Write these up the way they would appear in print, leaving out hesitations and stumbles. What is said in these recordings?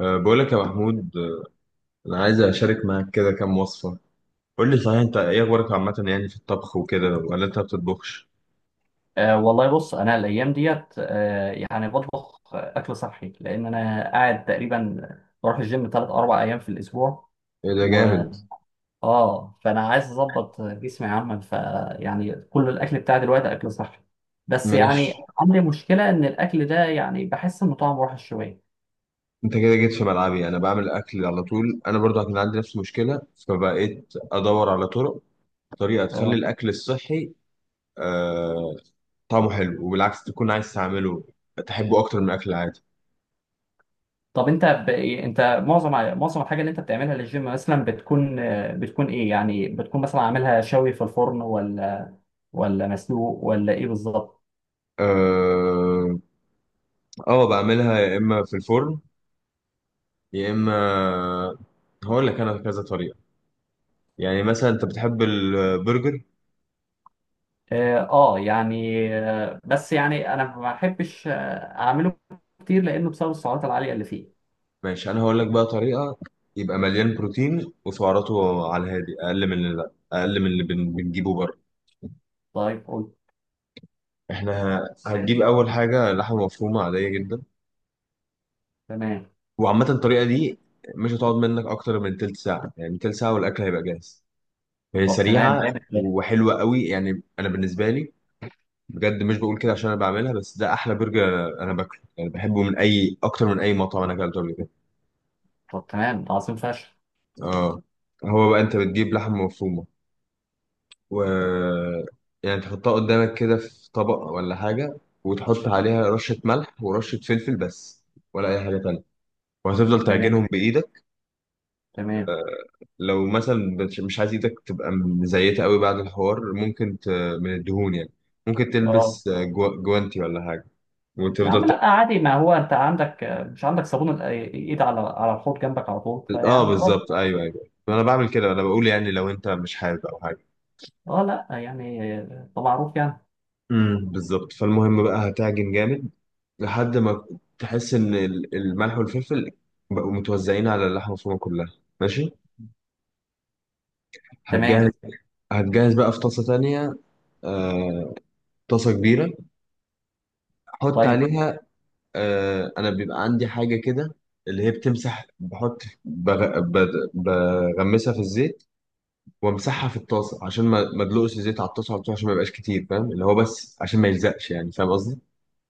بقول لك يا محمود، انا عايز اشارك معاك كده كام وصفه. قول لي، صحيح انت ايه اخبارك عامه يعني في الطبخ وكده، ولا انت ما بتطبخش؟ والله بص، انا الايام ديت يعني بطبخ اكل صحي، لان انا قاعد تقريبا بروح الجيم 3 4 ايام في الاسبوع. ايه ده و جامد! اه فانا عايز اظبط جسمي عامه، فيعني كل الاكل بتاعي دلوقتي اكل صحي، بس ماشي، يعني عندي مشكله ان الاكل ده يعني بحس انه طعمه وحش شويه. انت كده جيت في ملعبي، انا بعمل اكل على طول، انا برضو كان عندي نفس المشكله، فبقيت ادور على طرق، طريقه تخلي اه. الاكل الصحي أه طعمه حلو، وبالعكس تكون عايز تعمله، تحبه اكتر من الاكل العادي. طب انت انت معظم الحاجه اللي انت بتعملها للجيم مثلا بتكون، بتكون ايه؟ يعني بتكون مثلا عاملها شوي في الفرن، ولا مسلوق، ولا ايه بالظبط؟ اه. بعملها يا اما في الفرن، يا اما... هقول لك انا كذا طريقه. يعني مثلا انت بتحب البرجر. اه. يعني، بس يعني انا ما بحبش اعمله كتير، لانه بسبب السعرات العاليه اللي فيه. ماشي، انا هقول لك بقى طريقه يبقى مليان بروتين وسعراته على الهادي، اقل من اللي بنجيبه بره. طيب، قول. احنا هنجيب اول حاجه لحمه مفرومه عاديه جدا. تمام. وعامه الطريقه دي مش هتقعد منك اكتر من تلت ساعه، يعني تلت ساعه والاكل هيبقى جاهز. هي طب تمام، سريعه جامد ده. وحلوه قوي، يعني انا بالنسبه لي، بجد مش بقول كده عشان انا بعملها، بس ده احلى برجر انا باكله، يعني بحبه من اي اكتر من اي مطعم انا اكلته قبل كده. طب تمام، ده عظيم فشخ. اه. هو بقى انت بتجيب لحمه مفرومه، و... يعني تحطها قدامك كده في طبق ولا حاجة، وتحط عليها رشة ملح ورشة فلفل بس، ولا أي حاجة تانية، وهتفضل تمام، تعجنهم بإيدك. تمام. لو مثلا مش عايز إيدك تبقى مزيتة قوي بعد الحوار، ممكن ت... من الدهون يعني، ممكن اه. تلبس جوانتي ولا حاجة، يا عم وتفضل ت... لا، عادي. ما هو انت عندك، مش عندك صابون ايد على الحوض جنبك على طول، اه فيعني خلاص. بالظبط، ايوه ايوه، انا بعمل كده، انا بقول يعني لو انت مش حابب او حاجه. اه لا يعني، ده معروف يعني. بالظبط، فالمهم بقى هتعجن جامد لحد ما تحس ان الملح والفلفل بقوا متوزعين على اللحمه المفرومه كلها، ماشي. تمام. هتجهز هتجهز بقى في طاسه تانية، آه، طاسه كبيره، حط طيب. عليها... انا بيبقى عندي حاجه كده اللي هي بتمسح، بغمسها في الزيت، وامسحها في الطاسه عشان ما ادلقش الزيت على الطاسه على طول، عشان ما يبقاش كتير، فاهم؟ اللي هو بس عشان ما يلزقش، يعني فاهم قصدي.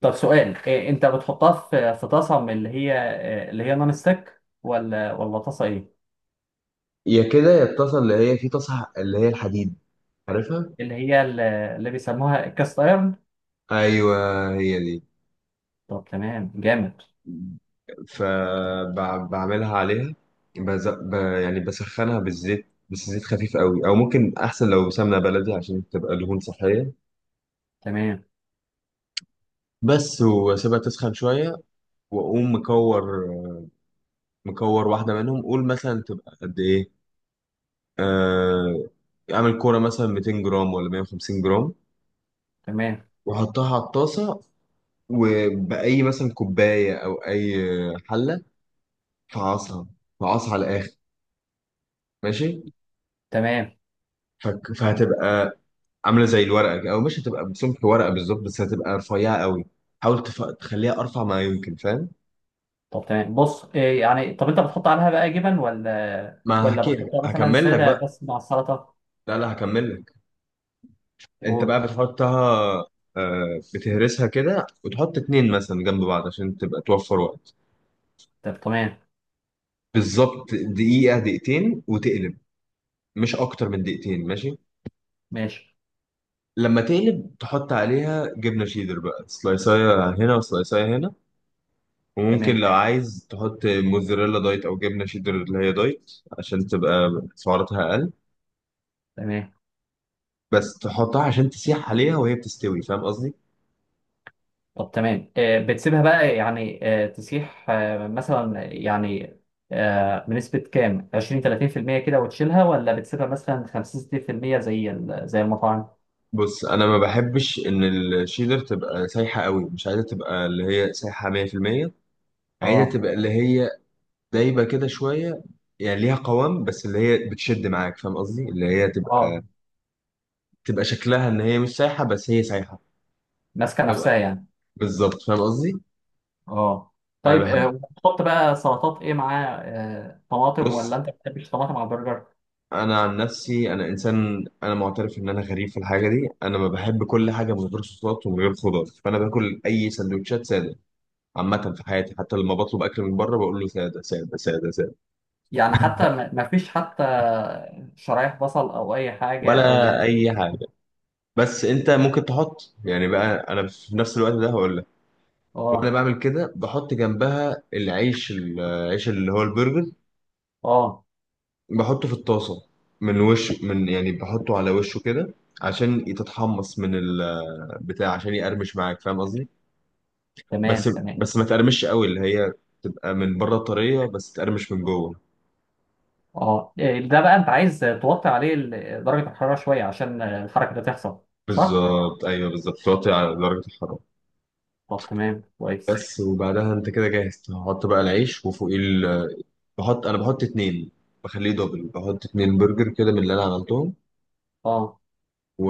طب سؤال، إيه، انت بتحطها في طاسه من اللي هي، اللي هي نون ستيك، ولا طاسه ايه؟ يا كده يا الطاسه اللي هي... في طاسه اللي هي الحديد، عارفها؟ اللي هي اللي بيسموها الكاست ايرون. ايوه هي دي. طب تمام، جامد. فبعملها عليها، يعني بسخنها بالزيت بس، زيت خفيف قوي او ممكن احسن لو سمنه بلدي عشان تبقى دهون صحيه. تمام، بس، واسيبها تسخن شويه، واقوم مكور واحده منهم، قول مثلا تبقى قد ايه، آه... اعمل كوره مثلا 200 جرام ولا 150 جرام، تمام، واحطها على الطاسه، وباي مثلا كوبايه او اي حله، فعصها فعصها على الاخر، ماشي. تمام. فهتبقى عامله زي الورقه كده، او مش هتبقى بسمك ورقه بالظبط، بس هتبقى رفيعه قوي، حاول تخليها ارفع ما يمكن، فاهم؟ طب تمام. بص، إيه يعني؟ طب انت بتحط عليها بقى جبن، ولا ما هحكي بتحطها مثلا هكمل لك ساده بقى. بس مع السلطه؟ لا لا، هكمل لك. انت قول. بقى بتحطها، بتهرسها كده وتحط اتنين مثلا جنب بعض عشان تبقى توفر وقت. طب تمام. بالظبط دقيقه دقيقتين وتقلب، مش اكتر من دقيقتين، ماشي. ماشي. لما تقلب تحط عليها جبنه شيدر بقى، سلايسايه هنا وسلايسايه هنا. وممكن تمام، لو عايز تحط موزاريلا دايت او جبنه شيدر اللي هي دايت، عشان تبقى سعراتها اقل، تمام. بس تحطها عشان تسيح عليها وهي بتستوي، فاهم قصدي؟ طب تمام، إيه بتسيبها بقى يعني تسيح، مثلا يعني، بنسبة كام، 20 30% كده وتشيلها، ولا بتسيبها مثلا 50 60% زي المطاعم؟ بص، انا ما بحبش ان الشيدر تبقى سايحه قوي، مش عايزه تبقى اللي هي سايحه 100%، عايزه اه. تبقى اللي هي دايبه كده شويه، يعني ليها قوام بس اللي هي بتشد معاك، فاهم قصدي؟ اللي هي اه. تبقى شكلها ان هي مش سايحه بس هي سايحه. ماسكة نفسها يعني. بالظبط، فاهم قصدي. اه. انا طيب، بحب. وتحط بقى سلطات ايه معاه؟ طماطم، ولا بص، انت ما بتحبش طماطم على البرجر؟ انا عن نفسي انا انسان، انا معترف ان انا غريب في الحاجه دي، انا ما بحب كل حاجه من غير صوصات ومن غير خضار، فانا باكل اي سندوتشات ساده. عامه في حياتي حتى لما بطلب اكل من بره بقول له ساده ساده ساده ساده، يعني حتى، ما فيش حتى شرايح بصل او اي حاجه، او... ولا اي حاجه. بس انت ممكن تحط يعني، بقى انا في نفس الوقت ده هقول لك، وانا اه. بعمل كده بحط جنبها العيش، العيش اللي هو البرجر، اه. بحطه في الطاسه من وش، يعني بحطه على وشه كده عشان تتحمص من البتاع عشان يقرمش معاك، فاهم قصدي؟ تمام، بس، تمام. ما تقرمش قوي، اللي هي تبقى من بره طريه بس تقرمش من جوه. اه، إيه، ده بقى انت عايز توطي عليه درجه الحراره شويه عشان الحركه دي تحصل؟ صح. بالظبط، ايوه بالظبط توطي على درجه الحراره. طب تمام، كويس. بس، وبعدها انت كده جاهز تحط بقى العيش وفوقيه انا بحط اتنين، بخليه دبل، بحط اتنين برجر كده من اللي انا عملتهم اه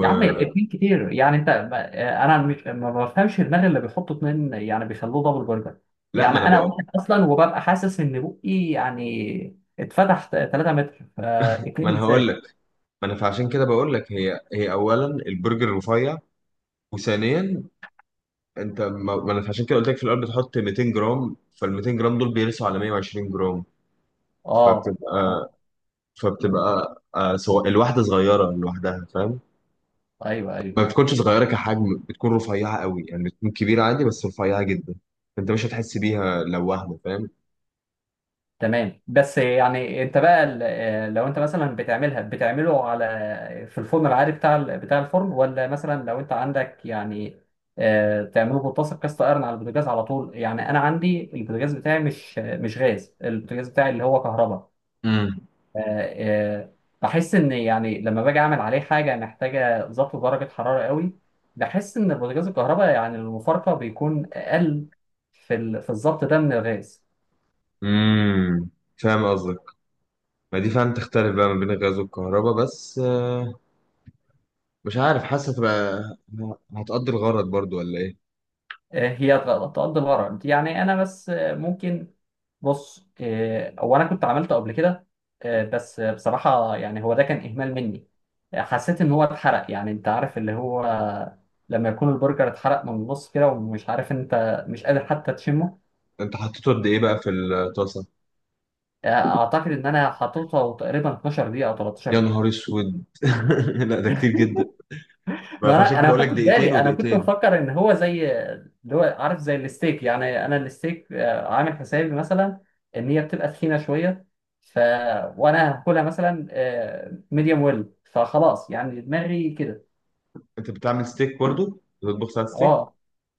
يا عم، اتنين كتير يعني، انت انا، مش ما بفهمش دماغ اللي بيحطوا اتنين يعني بيخلوه دبل برجر. لا، يعني ما انا انا بقى، واحد اصلا وببقى حاسس ان بقي يعني اتفتح 3 متر، ما فاتنين انا هقول ازاي؟ لك، ما انا فعشان كده بقول لك، هي اولا البرجر رفيع، وثانيا انت ما ما انا عشان كده قلت لك في الاول بتحط 200 جرام، فال 200 جرام دول بيرسوا على 120 جرام، اه. آه، فبتبقى فبتبقى سواء الواحدة صغيرة لوحدها، فاهم؟ ايوه، ايوه. ما بتكونش صغيرة كحجم، بتكون رفيعة قوي، يعني بتكون كبيرة عادي بس رفيعة جدا، انت مش هتحس بيها لو واحدة، فاهم؟ تمام. بس يعني انت بقى، لو انت مثلا بتعمله على، في الفرن العادي بتاع، بتاع الفرن، ولا مثلا لو انت عندك يعني تعمله بطاسه كاست ايرون على البوتاجاز على طول؟ يعني انا عندي البوتاجاز بتاعي مش غاز، البوتاجاز بتاعي اللي هو كهرباء. امم آه، آه، بحس ان يعني لما باجي اعمل عليه حاجه محتاجه ظبط درجه حراره قوي. بحس ان البوتاجاز الكهرباء يعني المفارقه بيكون اقل في الظبط ده من الغاز. امم فاهم قصدك، ما دي فعلا تختلف بقى ما بين الغاز والكهرباء، بس مش عارف، حاسة تبقى هتقضي الغرض برضو ولا ايه؟ هي تقضي الغرض، يعني انا بس ممكن. بص، هو انا كنت عملته قبل كده، بس بصراحة يعني هو ده كان اهمال مني. حسيت ان هو اتحرق، يعني انت عارف اللي هو لما يكون البرجر اتحرق من النص كده، ومش عارف، انت مش قادر حتى تشمه. انت حطيته قد ايه بقى في الطاسة؟ آه، اعتقد ان انا حطيته تقريبا 12 دقيقة او يا 13 دقيقة. نهار اسود! لا ده كتير جدا، ما ما فعشان كده انا ما بقول لك خدتش دقيقتين بالي، انا كنت ودقيقتين. مفكر ان هو زي، اللي هو عارف، زي الستيك يعني. انا الستيك عامل حسابي مثلا ان هي بتبقى تخينه شويه، ف وانا هاكلها مثلا ميديوم ويل، فخلاص يعني دماغي كده. انت بتعمل ستيك برضو؟ بتطبخ ساعة ستيك! اه.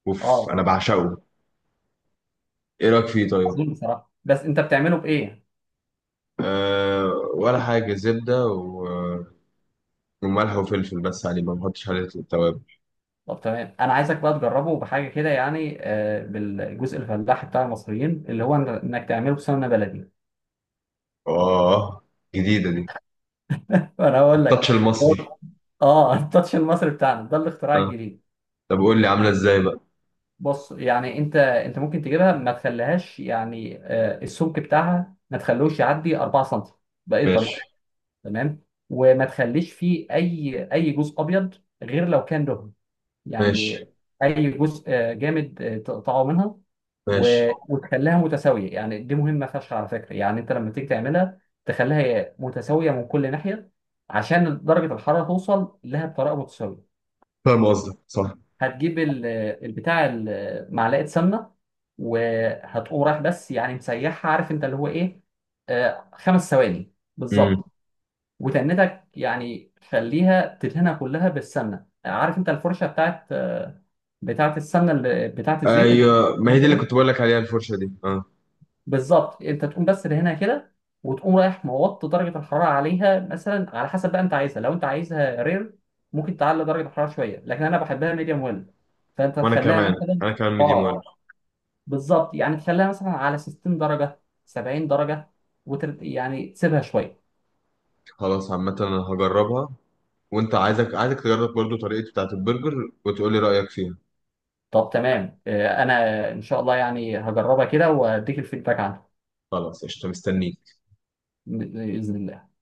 اوف اه. انا بعشقه. ايه رايك فيه طيب؟ عظيم بصراحه، بس انت بتعمله بايه؟ ولا حاجه، زبده وملح وفلفل بس عليه، ما بحطش عليه التوابل. طب تمام، انا عايزك بقى تجربه بحاجه كده يعني بالجزء الفلاحي بتاع المصريين، اللي هو، انك تعمله بسمنه بلدي. اه جديده دي، انا اقول لك. التاتش المصري. هو- اه، التاتش المصري بتاعنا ده الاختراع أه. الجديد. طب قول لي عامله ازاي بقى. بص يعني، انت ممكن تجيبها، ما تخليهاش يعني، السمك بتاعها ما تخلوش يعدي 4 سم، باي ماشي. طريقه. تمام. وما تخليش فيه اي جزء ابيض، غير لو كان دهن يعني. ماشي. اي جزء جامد تقطعه منها. ماشي. وتخليها متساويه، يعني دي مهمه فشخ على فكره. يعني انت لما تيجي تعملها تخليها متساويه من كل ناحيه عشان درجه الحراره توصل لها بطريقه متساويه. فاهم قصدك، صح. هتجيب البتاع، معلقه سمنه، وهتقوم رايح بس يعني مسيحها، عارف انت اللي هو ايه، 5 ثواني امم، بالظبط، وتنتك يعني، خليها تدهنها كلها بالسمنه. عارف انت الفرشه بتاعت، بتاعت السمنه، اللي بتاعت الزيت اللي بتبقى. ايوه، ما هي دي اللي كنت بقول لك عليها، الفرشه دي، اه. بالظبط، انت تقوم بس دهنها كده، وتقوم رايح موط درجه الحراره عليها مثلا على حسب بقى انت عايزها. لو انت عايزها رير ممكن تعلي درجه الحراره شويه، لكن انا بحبها ميديوم ويل، فانت وانا تخليها كمان، مثلا. انا كمان ميديم ويل. اه بالظبط، يعني تخليها مثلا على 60 درجه، 70 درجه، يعني تسيبها شويه. خلاص، عامه انا هجربها، وانت عايزك تجرب برضو طريقتي بتاعت البرجر وتقول لي رايك فيها. طب تمام، انا ان شاء الله يعني هجربها كده واديك الفيدباك عنها، خلاص قشطه، مستنيك. باذن الله.